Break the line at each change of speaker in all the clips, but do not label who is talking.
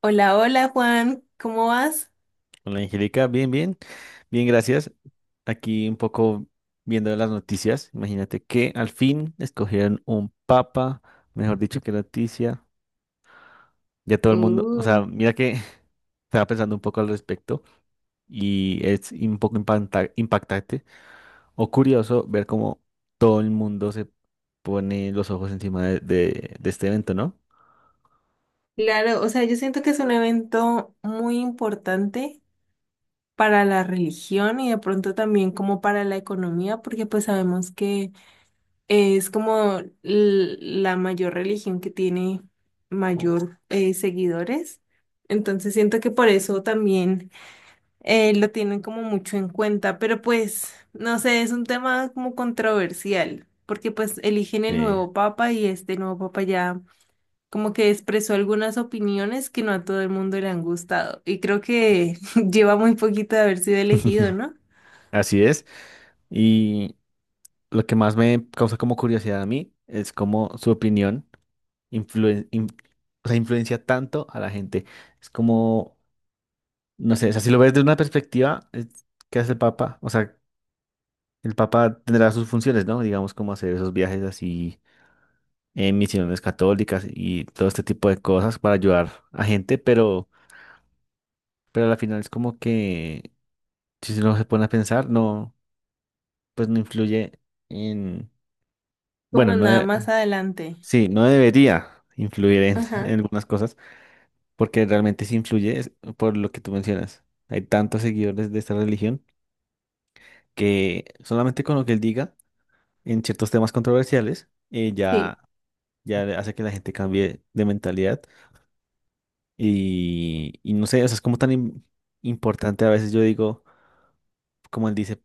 Hola, hola Juan, ¿cómo vas?
Hola Angélica, bien, bien, bien, gracias. Aquí un poco viendo las noticias. Imagínate que al fin escogieron un papa, mejor dicho, qué noticia. Ya todo el mundo, o sea, mira que estaba pensando un poco al respecto y es un poco impactante o curioso ver cómo todo el mundo se pone los ojos encima de este evento, ¿no?
Claro, o sea, yo siento que es un evento muy importante para la religión y de pronto también como para la economía, porque pues sabemos que es como la mayor religión que tiene mayor seguidores. Entonces siento que por eso también lo tienen como mucho en cuenta, pero pues no sé, es un tema como controversial, porque pues eligen el
Sí.
nuevo papa y este nuevo papa ya como que expresó algunas opiniones que no a todo el mundo le han gustado. Y creo que lleva muy poquito de haber sido elegido, ¿no?
Así es. Y lo que más me causa como curiosidad a mí es como su opinión. influen- in- o sea, influencia tanto a la gente. Es como, no sé, o sea, si lo ves de una perspectiva, ¿qué hace el Papa? O sea, el Papa tendrá sus funciones, ¿no? Digamos, como hacer esos viajes así en misiones católicas y todo este tipo de cosas para ayudar a gente, pero al final es como que, si uno se pone a pensar, no, pues no influye en, bueno,
Como nada más adelante.
sí, no debería influir en
Ajá,
algunas cosas. Porque realmente sí influye por lo que tú mencionas. Hay tantos seguidores de esta religión que solamente con lo que él diga en ciertos temas controversiales
sí,
ya, ya hace que la gente cambie de mentalidad y no sé, o sea, es como tan importante a veces yo digo, como él dice,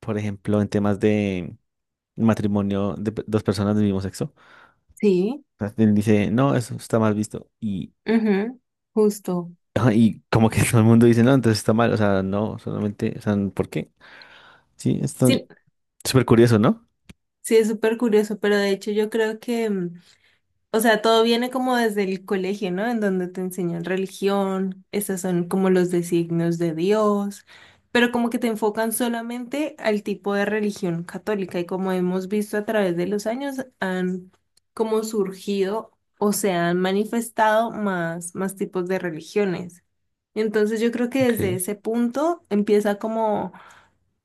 por ejemplo, en temas de matrimonio de dos personas del mismo sexo,
sí,
o sea, él dice, no, eso está mal visto y,
ujú, justo.
y como que todo el mundo dice, no, entonces está mal, o sea, no, solamente, o sea, ¿por qué? Sí,
Sí,
súper curioso, ¿no?
sí, es súper curioso, pero de hecho yo creo que o sea, todo viene como desde el colegio, ¿no? En donde te enseñan religión, esos son como los designios de Dios, pero como que te enfocan solamente al tipo de religión católica y como hemos visto a través de los años han como surgido o se han manifestado más, más tipos de religiones. Entonces yo creo que
Ok,
desde ese punto empieza como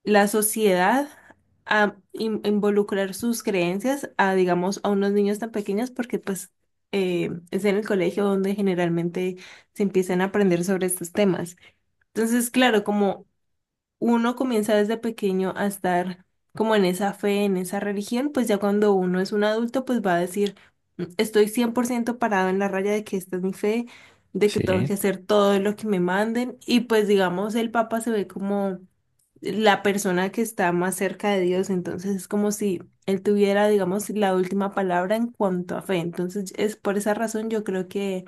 la sociedad a involucrar sus creencias a, digamos, a unos niños tan pequeños porque pues es en el colegio donde generalmente se empiezan a aprender sobre estos temas. Entonces, claro, como uno comienza desde pequeño a estar como en esa fe, en esa religión, pues ya cuando uno es un adulto, pues va a decir, "Mm, estoy 100% parado en la raya de que esta es mi fe, de que tengo
sí,
que hacer todo lo que me manden y pues digamos el papa se ve como la persona que está más cerca de Dios, entonces es como si él tuviera, digamos, la última palabra en cuanto a fe. Entonces es por esa razón yo creo que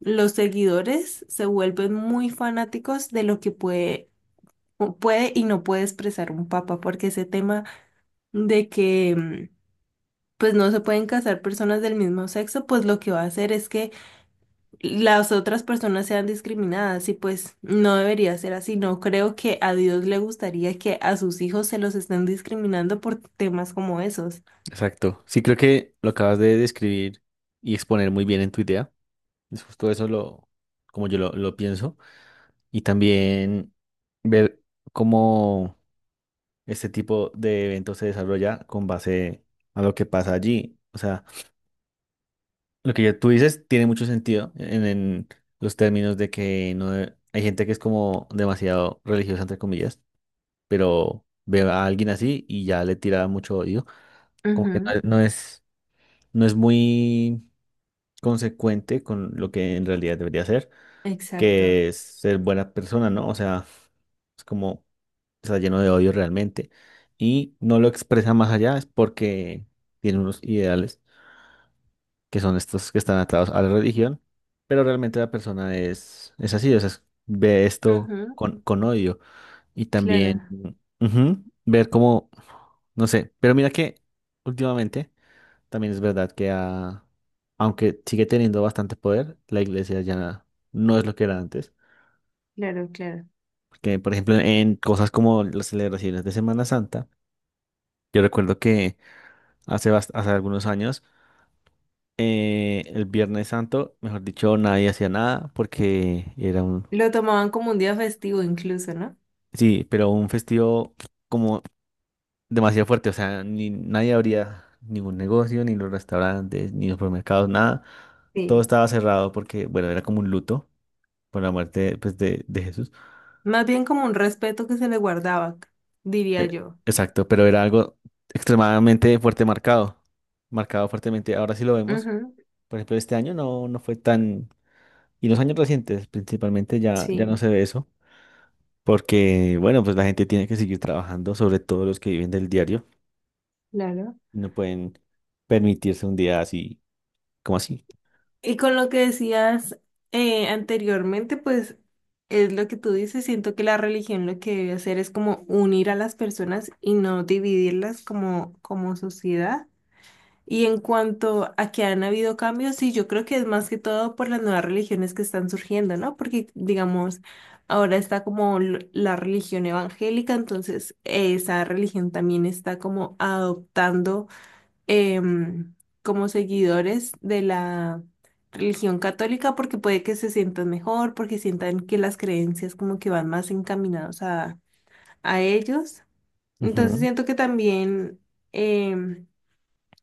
los seguidores se vuelven muy fanáticos de lo que puede, puede y no puede expresar un papa, porque ese tema de que pues no se pueden casar personas del mismo sexo, pues lo que va a hacer es que las otras personas sean discriminadas y pues no debería ser así. No creo que a Dios le gustaría que a sus hijos se los estén discriminando por temas como esos.
exacto. Sí, creo que lo acabas de describir y exponer muy bien en tu idea. Es justo eso como yo lo pienso. Y también ver cómo este tipo de evento se desarrolla con base a lo que pasa allí. O sea, lo que ya tú dices tiene mucho sentido en los términos de que no de- hay gente que es como demasiado religiosa, entre comillas, pero ve a alguien así y ya le tira mucho odio. Como que
Ujú,
no es. No es muy consecuente con lo que en realidad debería ser,
exacto.
que es ser buena persona, ¿no? O sea, es como está lleno de odio realmente y no lo expresa más allá, es porque tiene unos ideales que son estos que están atados a la religión, pero realmente la persona es así, o sea, ve esto
Ujú,
con odio y también
claro,
ujú, ver cómo, no sé, pero mira que últimamente. También es verdad que aunque sigue teniendo bastante poder, la iglesia ya no es lo que era antes.
claro, claro.
Porque, por ejemplo, en cosas como las celebraciones de Semana Santa, yo recuerdo que hace algunos años, el Viernes Santo, mejor dicho, nadie hacía nada porque era un...
Lo tomaban como un día festivo incluso, ¿no?
Sí, pero un festivo como demasiado fuerte, o sea, ni nadie abría ningún negocio, ni los restaurantes, ni los supermercados, nada. Todo
Sí,
estaba cerrado porque, bueno, era como un luto por la muerte pues, de Jesús.
más bien como un respeto que se le guardaba, diría
Eh,
yo.
exacto, pero era algo extremadamente fuerte marcado, marcado fuertemente. Ahora sí lo vemos.
Ujú,
Por ejemplo, este año no, no fue tan... Y los años recientes principalmente ya, ya no
sí,
se ve eso, porque bueno, pues la gente tiene que seguir trabajando, sobre todo los que viven del diario,
claro.
y no pueden permitirse un día así como así.
Y con lo que decías anteriormente, pues es lo que tú dices, siento que la religión lo que debe hacer es como unir a las personas y no dividirlas como, como sociedad. Y en cuanto a que han habido cambios, sí, yo creo que es más que todo por las nuevas religiones que están surgiendo, ¿no? Porque, digamos, ahora está como la religión evangélica, entonces esa religión también está como adoptando em, como seguidores de la religión católica porque puede que se sientan mejor, porque sientan que las creencias como que van más encaminados a, ellos. Entonces
Ujú,
siento que también em,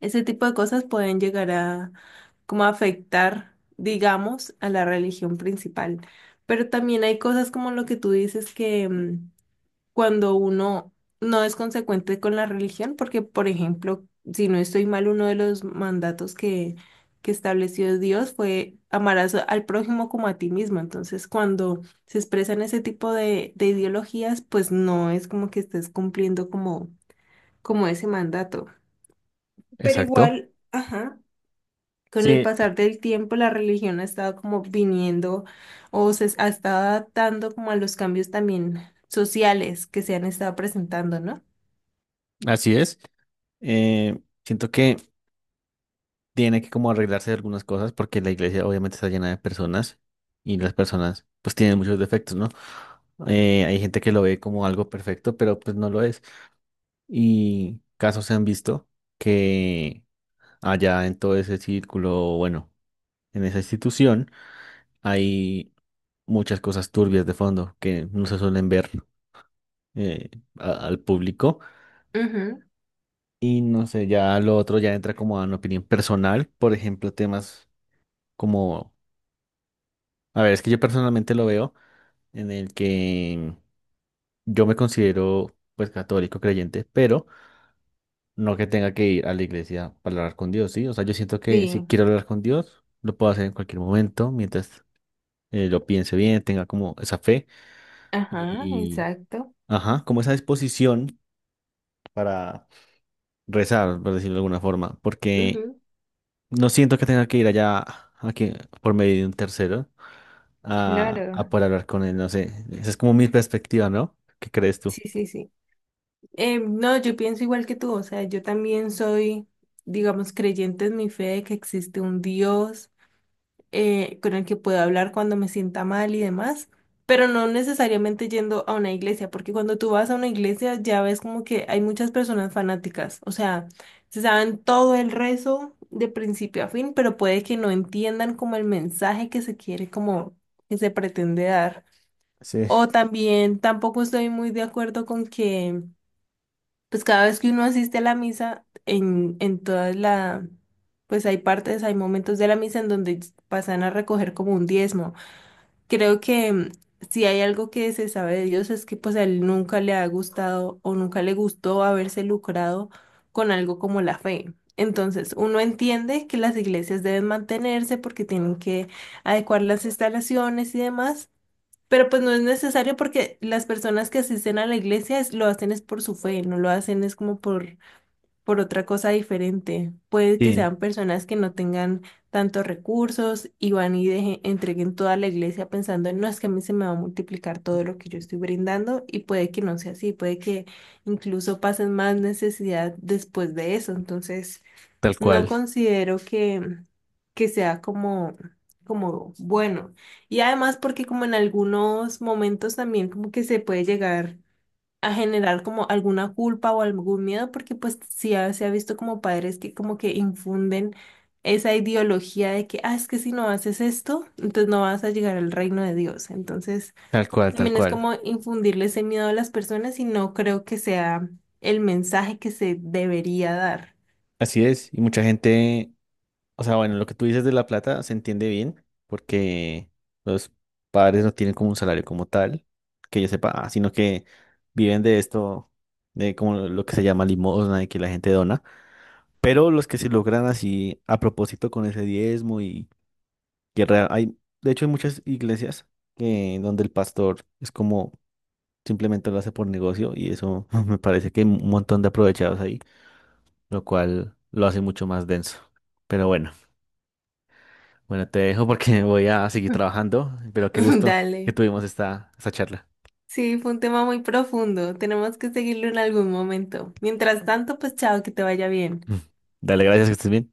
ese tipo de cosas pueden llegar a como a afectar, digamos, a la religión principal. Pero también hay cosas como lo que tú dices que cuando uno no es consecuente con la religión, porque, por ejemplo, si no estoy mal, uno de los mandatos que estableció Dios fue amarás al prójimo como a ti mismo. Entonces, cuando se expresan ese tipo de ideologías, pues no es como que estés cumpliendo como, como ese mandato. Pero
exacto.
igual, ajá. Con el
Sí,
pasar del tiempo, la religión ha estado como viniendo o se ha estado adaptando como a los cambios también sociales que se han estado presentando, ¿no?
así es. Eh, Siento que tiene que como arreglarse de algunas cosas porque la iglesia obviamente está llena de personas y las personas pues tienen muchos defectos, ¿no? Hay gente que lo ve como algo perfecto, pero pues no lo es. Y casos se han visto que allá en todo ese círculo, bueno, en esa institución hay muchas cosas turbias de fondo que no se suelen ver eh, al público.
Ujú,
Y no sé, ya lo otro ya entra como en opinión personal, por ejemplo, temas como, a ver, es que yo personalmente lo veo en el que yo me considero pues católico creyente, pero no que tenga que ir a la iglesia para hablar con Dios, ¿sí? O sea, yo siento que si
sí,
quiero hablar con Dios, lo puedo hacer en cualquier momento, mientras lo piense bien, tenga como esa fe
ajá,
y,
exacto.
ajá, como esa disposición para rezar, por decirlo de alguna forma, porque
Ujú,
no siento que tenga que ir allá a por medio de un tercero a
claro,
poder hablar con él, no sé. Esa es como mi perspectiva, ¿no? ¿Qué crees tú?
sí, sí, sí. No, yo pienso igual que tú, o sea, yo también soy, digamos, creyente en mi fe de que existe un Dios. Con el que puedo hablar cuando me sienta mal y demás, pero no necesariamente yendo a una iglesia, porque cuando tú vas a una iglesia ya ves como que hay muchas personas fanáticas, o sea, se saben todo el rezo de principio a fin, pero puede que no entiendan como el mensaje que se quiere, como que se pretende dar.
Sí.
O también tampoco estoy muy de acuerdo con que pues cada vez que uno asiste a la misa, en todas la, pues hay partes, hay momentos de la misa en donde pasan a recoger como un diezmo. Creo que si hay algo que se sabe de Dios es que pues a él nunca le ha gustado o nunca le gustó haberse lucrado con algo como la fe. Entonces, uno entiende que las iglesias deben mantenerse porque tienen que adecuar las instalaciones y demás. Pero pues no es necesario porque las personas que asisten a la iglesia lo hacen es por su fe, no lo hacen es como por, otra cosa diferente. Puede que
Sí,
sean personas que no tengan tantos recursos y van y entreguen toda la iglesia pensando, no, es que a mí se me va a multiplicar todo lo que yo estoy brindando y puede que no sea así, puede que incluso pasen más necesidad después de eso. Entonces.
tal
No
cual.
considero que sea como, como bueno. Y además porque como en algunos momentos también como que se puede llegar a generar como alguna culpa o algún miedo, porque pues sí se ha visto como padres que como que infunden esa ideología de que, ah, es que si no haces esto, entonces no vas a llegar al reino de Dios. Entonces
Tal cual, tal
también es
cual.
como infundirle ese miedo a las personas y no creo que sea el mensaje que se debería dar.
Así es. Y mucha gente, o sea, bueno, lo que tú dices de la plata se entiende bien, porque los padres no tienen como un salario como tal, que yo sepa, ah, sino que viven de esto, de como lo que se llama limosna y que la gente dona. Pero los que se logran así a propósito con ese diezmo y hay, de hecho, hay muchas iglesias que donde el pastor es como simplemente lo hace por negocio y eso me parece que hay un montón de aprovechados lo cual lo hace mucho más denso. Pero bueno, bueno, te dejo porque voy a seguir trabajando, pero qué gusto que
Dale.
tuvimos esta charla.
Sí, fue un tema muy profundo. Tenemos que seguirlo en algún momento. Mientras tanto, pues chao, que te vaya bien.
Dale, gracias, que estés bien.